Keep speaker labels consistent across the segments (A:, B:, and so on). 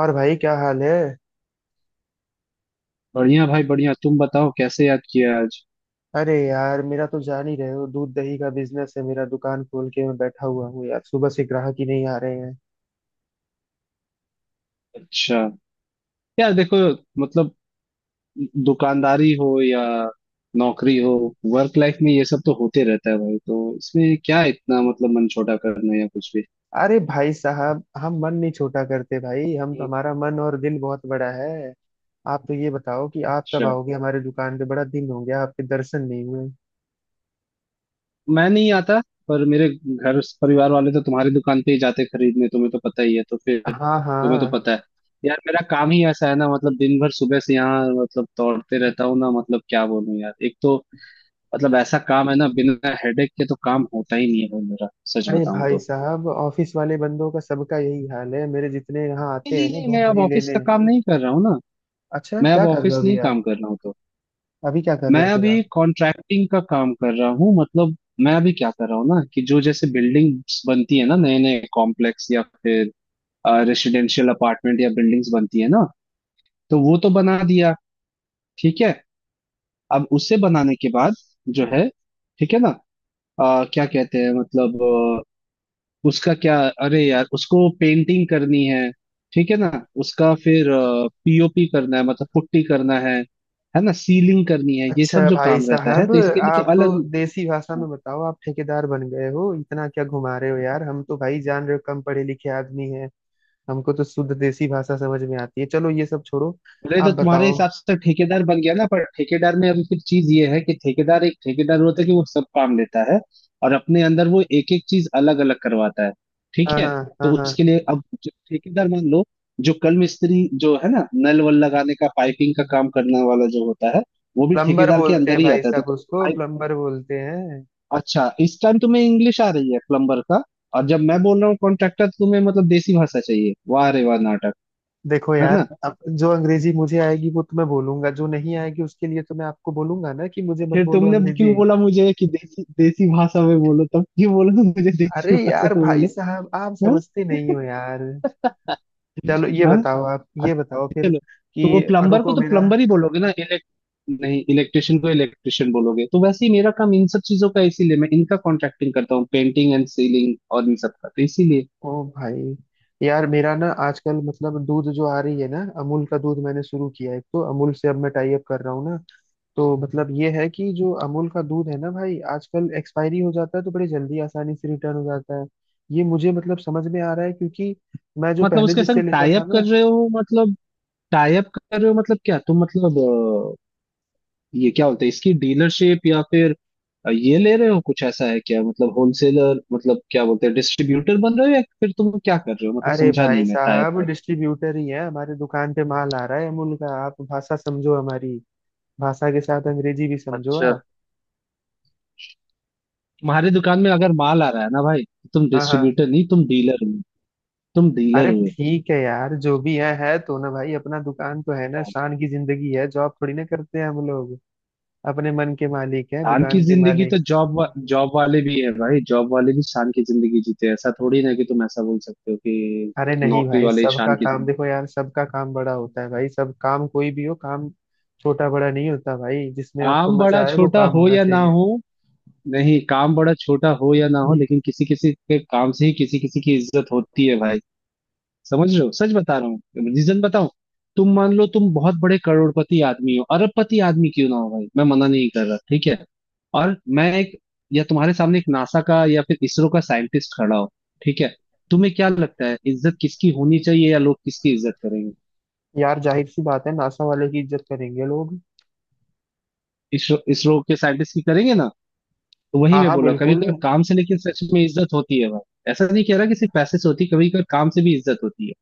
A: और भाई क्या हाल है।
B: बढ़िया भाई, बढ़िया। तुम बताओ कैसे याद किया आज।
A: अरे यार, मेरा तो जान ही रहे हो, दूध दही का बिजनेस है मेरा। दुकान खोल के मैं बैठा हुआ हूँ यार, सुबह से ग्राहक ही नहीं आ रहे हैं।
B: अच्छा, यार देखो, मतलब दुकानदारी हो या नौकरी हो, वर्क लाइफ में ये सब तो होते रहता है भाई। तो इसमें क्या इतना मतलब मन छोटा करना है या कुछ भी।
A: अरे भाई साहब, हम मन नहीं छोटा करते भाई, हमारा मन और दिल बहुत बड़ा है। आप तो ये बताओ कि आप कब
B: अच्छा,
A: आओगे हमारे दुकान पे, बड़ा दिन हो गया आपके दर्शन नहीं हुए।
B: मैं नहीं आता पर मेरे घर परिवार वाले तो तुम्हारी दुकान पे ही जाते खरीदने, तुम्हें तो पता ही है, तो फिर
A: हाँ
B: तुम्हें तो
A: हाँ।
B: पता है। यार मेरा काम ही ऐसा है ना, मतलब दिन भर सुबह से यहाँ मतलब दौड़ते रहता हूँ ना। मतलब क्या बोलूं यार, एक तो मतलब ऐसा काम है ना, बिना हेडेक के तो काम होता ही नहीं है भाई मेरा, सच
A: अरे
B: बताऊं
A: भाई
B: तो।
A: साहब, ऑफिस वाले बंदों का सबका यही हाल है, मेरे जितने यहाँ
B: नहीं
A: आते हैं
B: नहीं
A: ना
B: नहीं, मैं
A: दूध
B: अब
A: दही
B: ऑफिस
A: लेने।
B: का काम नहीं कर रहा हूँ ना।
A: अच्छा,
B: मैं अब
A: क्या कर रहे हो
B: ऑफिस
A: अभी
B: नहीं
A: आप?
B: काम कर रहा हूँ तो,
A: अभी क्या कर रहे
B: मैं
A: हो फिर आप?
B: अभी कॉन्ट्रैक्टिंग का काम कर रहा हूँ। मतलब मैं अभी क्या कर रहा हूँ ना, कि जो जैसे बिल्डिंग्स बनती है ना, नए नए कॉम्प्लेक्स या फिर रेसिडेंशियल अपार्टमेंट या बिल्डिंग्स बनती है ना, तो वो तो बना दिया। ठीक है। अब उसे बनाने के बाद जो है, ठीक है ना, क्या कहते हैं, मतलब उसका क्या, अरे यार उसको पेंटिंग करनी है। ठीक है ना। उसका फिर पीओपी करना है, मतलब पुट्टी करना है ना, सीलिंग करनी है, ये
A: अच्छा
B: सब जो
A: भाई
B: काम रहता है,
A: साहब,
B: तो इसके लिए तो
A: आप तो
B: अलग।
A: देसी भाषा में बताओ, आप ठेकेदार बन गए हो, इतना क्या घुमा रहे हो यार। हम तो भाई जान रहे हो, कम पढ़े लिखे आदमी हैं। हमको तो शुद्ध देसी भाषा समझ में आती है। चलो ये सब छोड़ो,
B: बोले
A: आप
B: तो तुम्हारे
A: बताओ।
B: हिसाब से तो ठेकेदार बन गया ना, पर ठेकेदार में अभी फिर चीज ये है कि ठेकेदार, एक ठेकेदार होता है कि वो सब काम लेता है और अपने अंदर वो एक एक चीज अलग अलग करवाता है। ठीक
A: हाँ
B: है।
A: हाँ।
B: तो
A: हाँ हाँ।
B: उसके लिए अब जो ठेकेदार, मान लो जो कल मिस्त्री जो है ना, नल वल लगाने का, पाइपिंग का काम करने वाला जो होता है, वो भी
A: प्लम्बर
B: ठेकेदार के
A: बोलते
B: अंदर
A: हैं
B: ही
A: भाई
B: आता है, तो
A: साहब
B: तुम
A: उसको,
B: पाइप।
A: प्लम्बर बोलते हैं।
B: अच्छा, इस टाइम तुम्हें इंग्लिश आ रही है प्लम्बर का, और जब मैं बोल रहा हूँ कॉन्ट्रैक्टर तुम्हें मतलब देसी भाषा चाहिए, वाह रे वाह नाटक।
A: देखो
B: है
A: यार,
B: ना,
A: अब जो अंग्रेजी मुझे आएगी वो तुम्हें बोलूंगा, जो नहीं आएगी उसके लिए तो मैं आपको बोलूंगा ना कि मुझे मत
B: फिर
A: बोलो
B: तुमने क्यों
A: अंग्रेजी।
B: बोला मुझे कि देसी, देसी भाषा में बोलो, तब क्यों बोला? तुम मुझे देसी
A: अरे
B: भाषा
A: यार
B: में
A: भाई
B: बोलो।
A: साहब, आप
B: हाँ।
A: समझते नहीं हो यार। चलो ये
B: हाँ?
A: बताओ, आप ये बताओ
B: अच्छा,
A: फिर
B: चलो। तो वो
A: कि
B: प्लम्बर को
A: रुको
B: तो
A: मेरा।
B: प्लम्बर ही बोलोगे ना, इलेक्ट नहीं इलेक्ट्रिशियन को इलेक्ट्रिशियन बोलोगे, तो वैसे ही मेरा काम इन सब चीजों का, इसीलिए मैं इनका कॉन्ट्रैक्टिंग करता हूँ, पेंटिंग एंड सीलिंग और इन सब का, तो इसीलिए।
A: ओ भाई, यार मेरा ना आजकल मतलब दूध जो आ रही है ना, अमूल का दूध मैंने शुरू किया है, तो अमूल से अब मैं टाई अप कर रहा हूँ ना। तो मतलब ये है कि जो अमूल का दूध है ना भाई, आजकल एक्सपायरी हो जाता है तो बड़ी जल्दी आसानी से रिटर्न हो जाता है। ये मुझे मतलब समझ में आ रहा है, क्योंकि मैं जो
B: मतलब
A: पहले
B: उसके
A: जिससे
B: संग
A: लेता
B: टाई
A: था
B: अप कर
A: ना।
B: रहे हो मतलब, टाई अप कर रहे हो मतलब क्या, तुम मतलब ये क्या बोलते हैं, इसकी डीलरशिप या फिर ये ले रहे हो, कुछ ऐसा है क्या मतलब होलसेलर, मतलब क्या बोलते हैं डिस्ट्रीब्यूटर बन रहे हो या फिर तुम क्या कर रहे हो मतलब,
A: अरे
B: समझा
A: भाई
B: नहीं मैं, टाइप
A: साहब,
B: कर रहा
A: डिस्ट्रीब्यूटर ही है, हमारे दुकान पे माल आ रहा है अमूल का। आप भाषा समझो हमारी, भाषा के साथ अंग्रेजी भी
B: हूँ।
A: समझो
B: अच्छा,
A: आप।
B: तुम्हारे दुकान में अगर माल आ रहा है ना भाई, तो तुम
A: हाँ हाँ।
B: डिस्ट्रीब्यूटर नहीं, तुम डीलर हो, तुम डीलर
A: अरे
B: हुए।
A: ठीक है यार, जो भी है तो ना भाई, अपना दुकान तो है ना। शान की जिंदगी है, जॉब थोड़ी ना करते हैं हम लोग। अपने मन के मालिक हैं,
B: शान की
A: दुकान के
B: जिंदगी तो
A: मालिक।
B: जॉब वाले भी है भाई, जॉब वाले भी शान की जिंदगी जीते हैं, ऐसा थोड़ी ना कि तुम ऐसा बोल सकते हो कि
A: अरे नहीं
B: नौकरी
A: भाई,
B: वाले ही
A: सबका
B: शान की
A: काम
B: जिंदगी।
A: देखो यार, सबका काम बड़ा होता है भाई, सब काम कोई भी हो, काम छोटा बड़ा नहीं होता भाई, जिसमें
B: काम
A: आपको मजा
B: बड़ा
A: आए वो
B: छोटा
A: काम
B: हो
A: होना
B: या ना
A: चाहिए।
B: हो, नहीं काम बड़ा छोटा हो या ना हो, लेकिन किसी किसी के काम से ही किसी किसी की इज्जत होती है भाई, समझ रहे हो, सच बता रहा हूँ। रीजन बताऊं। तुम मान लो तुम बहुत बड़े करोड़पति आदमी हो, अरबपति आदमी क्यों ना हो भाई, मैं मना नहीं कर रहा। ठीक है। और मैं एक, या तुम्हारे सामने एक नासा का या फिर इसरो का साइंटिस्ट खड़ा हो। ठीक है। तुम्हें क्या लगता है इज्जत किसकी होनी चाहिए, या लोग किसकी इज्जत करेंगे?
A: यार जाहिर सी बात है, नासा वाले की इज्जत करेंगे लोग।
B: इसरो, इसरो के साइंटिस्ट की करेंगे ना। तो वही
A: हाँ
B: मैं
A: हाँ,
B: बोला, कभी
A: बिल्कुल।
B: कभी काम से लेकिन सच में इज्जत होती है भाई, ऐसा नहीं कह रहा कि सिर्फ पैसे से होती, कभी कभी काम से भी इज्जत होती है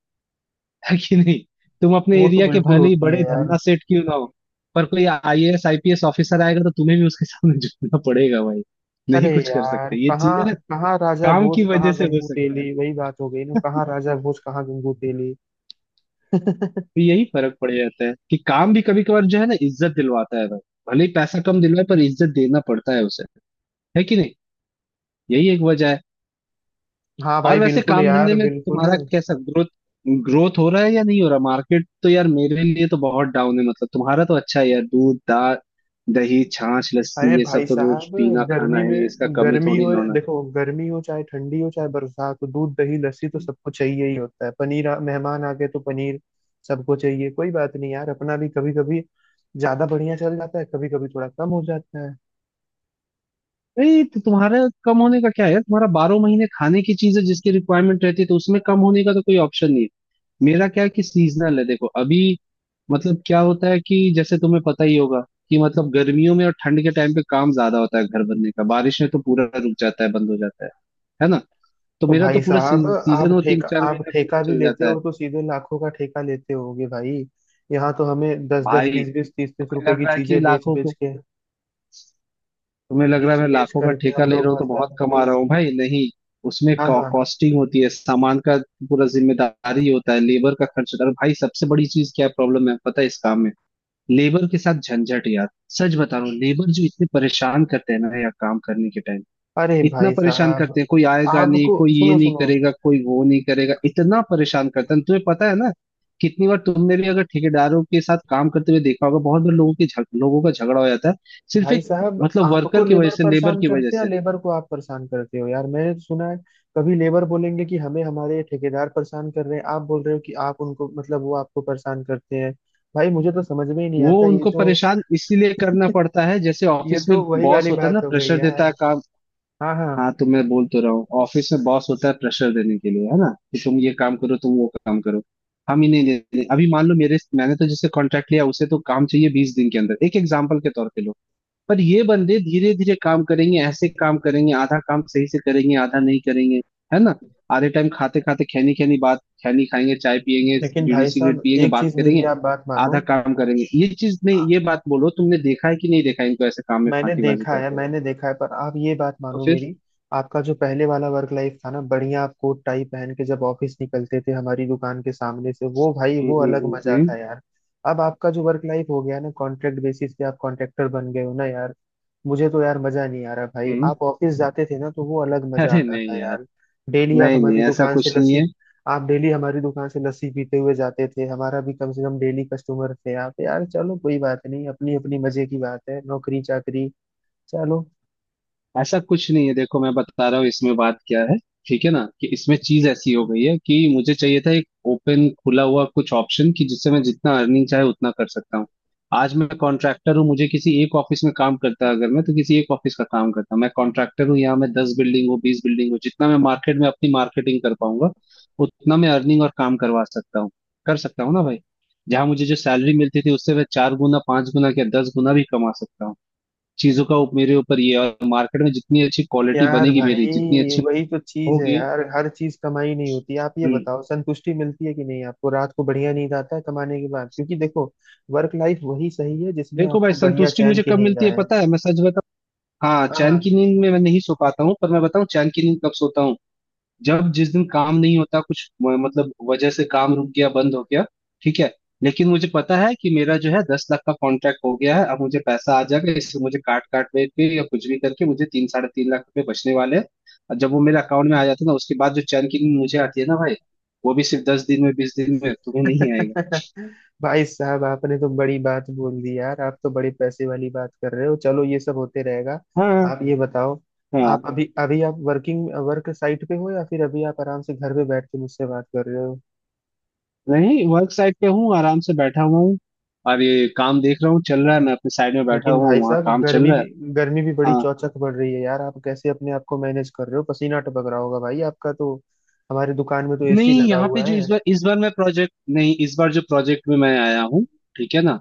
B: है कि नहीं। तुम अपने
A: वो तो
B: एरिया के
A: बिल्कुल
B: भले ही
A: होती है
B: बड़े
A: यार।
B: धन्ना सेठ क्यों ना हो, पर कोई आईएएस आईपीएस ऑफिसर आएगा तो तुम्हें भी उसके सामने झुकना पड़ेगा भाई,
A: अरे
B: नहीं कुछ कर
A: यार,
B: सकते ये
A: कहाँ!
B: चीजें ना।
A: कहाँ राजा
B: काम
A: भोज
B: की वजह
A: कहाँ
B: से हो
A: गंगू
B: सकता है,
A: तेली, वही बात हो गई ना, कहाँ राजा भोज कहाँ गंगू तेली।
B: तो यही फर्क पड़ जाता है कि काम भी कभी कभार जो है ना, इज्जत दिलवाता है भाई, भले ही पैसा कम दिलवाए, पर इज्जत देना पड़ता है उसे, है कि नहीं। यही एक वजह है।
A: हाँ
B: और
A: भाई
B: वैसे
A: बिल्कुल
B: काम धंधे
A: यार,
B: में
A: बिल्कुल।
B: तुम्हारा कैसा ग्रोथ, ग्रोथ हो रहा है या नहीं हो रहा, मार्केट तो यार मेरे लिए तो बहुत डाउन है, मतलब तुम्हारा तो अच्छा है यार, दूध दा दही, छाछ,
A: अरे
B: लस्सी, ये
A: भाई
B: सब तो रोज
A: साहब,
B: पीना खाना
A: गर्मी
B: है, इसका
A: में,
B: कमी
A: गर्मी
B: थोड़ी
A: हो,
B: ना होना।
A: देखो गर्मी हो चाहे ठंडी हो चाहे बरसात हो, दूध दही लस्सी तो सबको चाहिए ही होता है। पनीर मेहमान आ गए तो पनीर सबको चाहिए, कोई बात नहीं यार। अपना भी कभी कभी ज्यादा बढ़िया चल जाता है, कभी कभी थोड़ा कम हो जाता है।
B: नहीं तो तुम्हारा, कम होने का क्या है, तुम्हारा 12 महीने खाने की चीज है जिसकी रिक्वायरमेंट रहती है, तो उसमें कम होने का तो कोई ऑप्शन नहीं है। मेरा क्या है कि सीजनल है, देखो अभी, मतलब क्या होता है कि जैसे तुम्हें पता ही होगा कि मतलब गर्मियों में और ठंड के टाइम पे काम ज्यादा होता है घर बनने का, बारिश में तो पूरा रुक जाता है, बंद हो जाता है ना। तो
A: तो
B: मेरा तो
A: भाई
B: पूरा
A: साहब,
B: सीजन, वो तीन चार
A: आप
B: महीने पूरा
A: ठेका भी
B: चल
A: लेते
B: जाता है।
A: हो तो सीधे लाखों का ठेका लेते होगे भाई। यहाँ तो हमें दस दस
B: भाई
A: बीस बीस तीस तीस
B: तुम्हें
A: रुपए
B: लग
A: की
B: रहा है कि
A: चीजें बेच
B: लाखों
A: बेच
B: को,
A: के,
B: तुम्हें लग रहा है
A: बेच
B: मैं
A: बेच
B: लाखों का
A: करके
B: ठेका
A: हम
B: ले रहा
A: लोग
B: हूँ तो बहुत
A: मतलब।
B: कमा रहा हूँ भाई, नहीं। उसमें
A: हाँ हाँ।
B: कॉस्टिंग होती है सामान का, पूरा जिम्मेदारी होता है, लेबर का खर्च होता है, और भाई सबसे बड़ी चीज क्या प्रॉब्लम है, problem है, पता है इस काम में? लेबर के साथ झंझट यार, सच बता रहा हूँ, लेबर जो इतने परेशान करते हैं ना यार काम करने के टाइम,
A: अरे
B: इतना
A: भाई
B: परेशान
A: साहब,
B: करते हैं, कोई आएगा नहीं,
A: आपको
B: कोई ये
A: सुनो
B: नहीं
A: सुनो।
B: करेगा, कोई वो नहीं करेगा, इतना परेशान करते हैं, तुम्हें पता है ना। कितनी बार तुमने भी अगर ठेकेदारों के साथ काम करते हुए देखा होगा, बहुत बार लोगों के लोगों का झगड़ा हो जाता है, सिर्फ
A: भाई
B: एक,
A: साहब,
B: मतलब
A: आपको
B: वर्कर की वजह
A: लेबर
B: से, लेबर
A: परेशान
B: की वजह
A: करते हैं या
B: से।
A: लेबर को आप परेशान करते हो यार? मैंने तो सुना है, कभी लेबर बोलेंगे कि हमें हमारे ठेकेदार परेशान कर रहे हैं, आप बोल रहे हो कि आप उनको, मतलब वो आपको परेशान करते हैं। भाई मुझे तो समझ में ही नहीं
B: वो
A: आता ये
B: उनको
A: जो।
B: परेशान इसीलिए करना पड़ता है, जैसे
A: ये
B: ऑफिस में
A: तो वही
B: बॉस
A: वाली
B: होता है ना,
A: बात हो गई
B: प्रेशर
A: यार।
B: देता है।
A: हाँ हाँ।
B: हाँ तो मैं बोल तो रहा हूँ, ऑफिस में बॉस होता है प्रेशर देने के लिए, है ना, कि तुम ये काम करो, तुम वो काम करो। हम ही नहीं देते, अभी मान लो मेरे, मैंने तो जिससे कॉन्ट्रैक्ट लिया उसे तो काम चाहिए 20 दिन के अंदर, एक एग्जाम्पल के तौर पे लो। पर ये बंदे धीरे धीरे काम करेंगे, ऐसे काम करेंगे, आधा काम सही से करेंगे, आधा नहीं करेंगे, है ना। आधे टाइम खाते खाते खैनी, खैनी बात, खैनी खाएंगे, चाय पियेंगे,
A: लेकिन
B: बीड़ी
A: भाई
B: सिगरेट
A: साहब,
B: पियेंगे,
A: एक
B: बात
A: चीज
B: करेंगे,
A: मेरी आप बात मानो।
B: आधा काम करेंगे। ये चीज नहीं, ये बात बोलो, तुमने देखा है कि नहीं देखा है इनको ऐसे काम में
A: मैंने
B: फांकीबाजी
A: देखा है,
B: करते हुए?
A: मैंने देखा है, पर आप ये बात
B: तो
A: मानो
B: फिर।
A: मेरी। आपका जो पहले वाला वर्क लाइफ था ना, बढ़िया। आप कोट टाई पहन के जब ऑफिस निकलते थे हमारी दुकान के सामने से, वो भाई
B: हम्म,
A: वो अलग
B: हम्म।
A: मजा
B: हम्म।
A: था यार। अब आपका जो वर्क लाइफ हो गया ना, कॉन्ट्रैक्ट बेसिस पे, आप कॉन्ट्रैक्टर बन गए हो ना यार। मुझे तो यार मजा नहीं आ रहा भाई।
B: हम्म।
A: आप ऑफिस जाते थे ना, तो वो अलग मजा
B: अरे
A: आता
B: नहीं
A: था
B: यार,
A: यार। डेली आप
B: नहीं नहीं
A: हमारी
B: ऐसा
A: दुकान से
B: कुछ नहीं है।
A: लस्सी। आप डेली हमारी दुकान से लस्सी पीते हुए जाते थे, हमारा भी कम से कम डेली कस्टमर थे आप यार। चलो, कोई बात नहीं, अपनी अपनी मजे की बात है, नौकरी चाकरी। चलो।
B: ऐसा कुछ नहीं है, देखो मैं बता रहा हूँ इसमें बात क्या है। ठीक है ना कि इसमें चीज ऐसी हो गई है कि मुझे चाहिए था एक ओपन, खुला हुआ कुछ ऑप्शन कि जिससे मैं जितना अर्निंग चाहे उतना कर सकता हूँ। आज मैं कॉन्ट्रैक्टर हूँ, मुझे किसी एक ऑफिस में काम करता है, अगर मैं तो किसी एक ऑफिस का काम करता हूँ। मैं कॉन्ट्रैक्टर हूँ, यहाँ मैं 10 बिल्डिंग हूँ, 20 बिल्डिंग हूँ, जितना मैं मार्केट में अपनी मार्केटिंग कर पाऊंगा, उतना मैं अर्निंग और काम करवा सकता हूँ, कर सकता हूँ ना भाई। जहाँ मुझे जो सैलरी मिलती थी, उससे मैं 4 गुना, 5 गुना या 10 गुना भी कमा सकता हूँ चीजों का, मेरे ऊपर ये है। और मार्केट में जितनी अच्छी क्वालिटी
A: यार
B: बनेगी मेरी, जितनी
A: भाई
B: अच्छी
A: वही तो चीज है
B: होगी।
A: यार, हर चीज कमाई नहीं होती। आप ये
B: हम्म,
A: बताओ, संतुष्टि मिलती है कि नहीं आपको? रात को बढ़िया नींद आता है कमाने के बाद? क्योंकि देखो, वर्क लाइफ वही सही है जिसमें
B: देखो भाई,
A: आपको बढ़िया
B: संतुष्टि
A: चैन
B: मुझे
A: की
B: कब
A: नींद
B: मिलती है
A: आए।
B: पता है, मैं सच बताऊं। हाँ, चैन
A: हाँ।
B: की नींद में मैं नहीं सो पाता हूँ, पर मैं बताऊं चैन की नींद कब सोता हूँ। जब जिस दिन काम नहीं होता, कुछ मतलब वजह से काम रुक गया, बंद हो गया। ठीक है। लेकिन मुझे पता है कि मेरा जो है 10 लाख का कॉन्ट्रैक्ट हो गया है, अब मुझे पैसा आ जाएगा, इससे मुझे काट काट में के या कुछ भी करके मुझे तीन, 3.5 लाख रुपए बचने वाले हैं, और जब वो मेरे अकाउंट में आ जाता है ना, उसके बाद जो चैन की नींद मुझे आती है ना भाई, वो भी सिर्फ 10 दिन में, 20 दिन में तुम्हें नहीं आएगा।
A: भाई साहब, आपने तो बड़ी बात बोल दी यार, आप तो बड़े पैसे वाली बात कर रहे हो। चलो, ये सब होते रहेगा।
B: हाँ।
A: आप ये बताओ,
B: हाँ,
A: आप अभी अभी आप वर्क साइट पे हो या फिर अभी आप आराम से घर पे बैठ के मुझसे बात कर रहे हो?
B: नहीं, वर्क साइट पे हूँ, आराम से बैठा हुआ हूँ, और ये काम देख रहा हूँ, चल रहा है, मैं अपने साइड में बैठा
A: लेकिन
B: हुआ
A: भाई
B: हूँ, वहाँ
A: साहब,
B: काम चल रहा
A: गर्मी भी बड़ी
B: है।
A: चौचक बढ़ रही है यार, आप कैसे अपने आप को मैनेज कर रहे हो? पसीना टपक रहा होगा भाई आपका तो। हमारे दुकान में तो एसी
B: नहीं,
A: लगा
B: यहाँ पे
A: हुआ
B: जो
A: है।
B: इस बार, इस बार मैं प्रोजेक्ट नहीं, इस बार जो प्रोजेक्ट में मैं आया हूँ, ठीक है ना,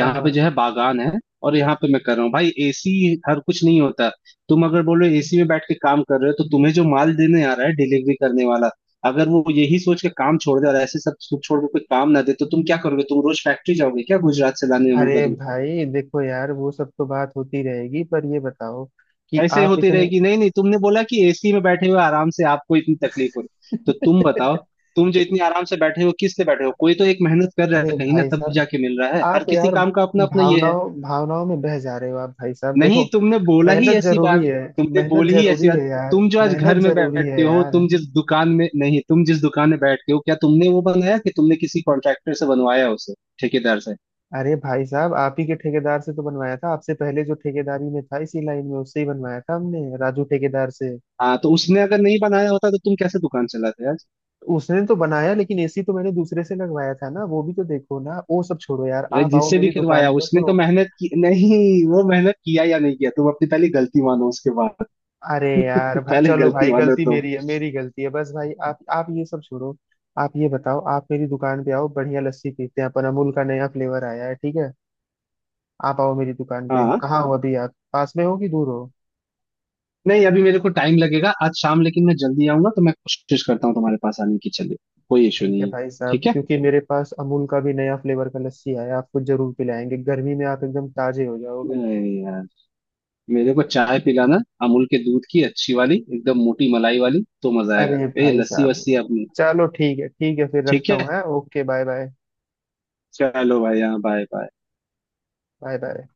A: हाँ
B: पे
A: हाँ।
B: जो है बागान है, और यहाँ पे मैं कर रहा हूँ भाई। एसी हर कुछ नहीं होता। तुम अगर बोलो एसी में बैठ के काम कर रहे हो, तो तुम्हें जो माल देने आ रहा है डिलीवरी करने वाला, अगर वो यही सोच के काम छोड़ दे और ऐसे सब कुछ छोड़ के कोई काम ना दे, तो तुम क्या करोगे? तुम रोज फैक्ट्री जाओगे क्या गुजरात से लाने अमूल का?
A: अरे भाई देखो यार, वो सब तो बात होती रहेगी, पर ये बताओ कि
B: ऐसे
A: आप
B: होती
A: इतने।
B: रहेगी, नहीं नहीं, तुमने बोला कि एसी में बैठे हुए आराम से आपको इतनी तकलीफ हो रही, तो तुम बताओ तुम जो इतनी आराम से बैठे हो किस लिए बैठे हो, कोई तो एक मेहनत कर रहा
A: अरे
B: है कहीं ना
A: भाई
B: तब
A: साहब,
B: जाके मिल रहा है, हर
A: आप
B: किसी
A: यार
B: काम का अपना अपना ये है।
A: भावनाओं भावनाओं में बह जा रहे हो। आप भाई साहब देखो,
B: नहीं, तुमने बोला ही
A: मेहनत
B: ऐसी बात,
A: जरूरी है,
B: तुमने
A: मेहनत
B: बोली ही ऐसी
A: जरूरी
B: बात।
A: है यार,
B: तुम जो आज घर
A: मेहनत
B: में
A: जरूरी
B: बैठते
A: है
B: हो,
A: यार।
B: तुम जिस दुकान में, नहीं तुम जिस दुकान में बैठते हो, क्या तुमने वो बनाया कि तुमने किसी कॉन्ट्रैक्टर से बनवाया उसे, ठेकेदार से?
A: अरे भाई साहब, आप ही के ठेकेदार से तो बनवाया था। आपसे पहले जो ठेकेदारी में था इसी लाइन में, उससे ही बनवाया था हमने, राजू ठेकेदार से।
B: हाँ, तो उसने अगर नहीं बनाया होता तो तुम कैसे दुकान चलाते यार?
A: उसने तो बनाया, लेकिन एसी तो मैंने दूसरे से लगवाया था ना। वो भी तो देखो ना, वो सब छोड़ो यार,
B: अरे
A: आप आओ
B: जिससे भी
A: मेरी
B: करवाया,
A: दुकान पर,
B: उसने तो
A: सुनो।
B: मेहनत की नहीं? वो मेहनत किया या नहीं किया, तुम अपनी पहले गलती मानो उसके बाद।
A: अरे यार
B: पहले
A: चलो
B: गलती
A: भाई,
B: मानो
A: गलती
B: तुम।
A: मेरी है, मेरी गलती है बस भाई। आप ये सब छोड़ो। आप ये बताओ, आप मेरी दुकान पे आओ, बढ़िया लस्सी पीते हैं अपन, अमूल का नया फ्लेवर आया है, ठीक है। आप आओ मेरी दुकान पे।
B: हाँ,
A: कहाँ हो अभी आप, पास में हो कि दूर हो?
B: नहीं अभी मेरे को टाइम लगेगा आज शाम, लेकिन मैं जल्दी आऊंगा तो मैं कोशिश करता हूँ तुम्हारे पास आने की, चलिए, कोई इशू
A: ठीक है
B: नहीं है।
A: भाई साहब,
B: ठीक है।
A: क्योंकि मेरे पास अमूल का भी नया फ्लेवर का लस्सी आया है, आपको जरूर पिलाएंगे, गर्मी में आप एकदम ताजे हो जाओगे।
B: अरे यार, मेरे को चाय पिलाना, अमूल के दूध की अच्छी वाली, एकदम मोटी मलाई वाली, तो मजा आएगा।
A: अरे
B: ए,
A: भाई
B: लस्सी
A: साहब,
B: वस्सी अपनी।
A: चलो ठीक है, ठीक है, फिर
B: ठीक
A: रखता हूँ
B: है,
A: है, ओके, बाय बाय।
B: चलो भाई, हाँ, बाय बाय।
A: Bye bye.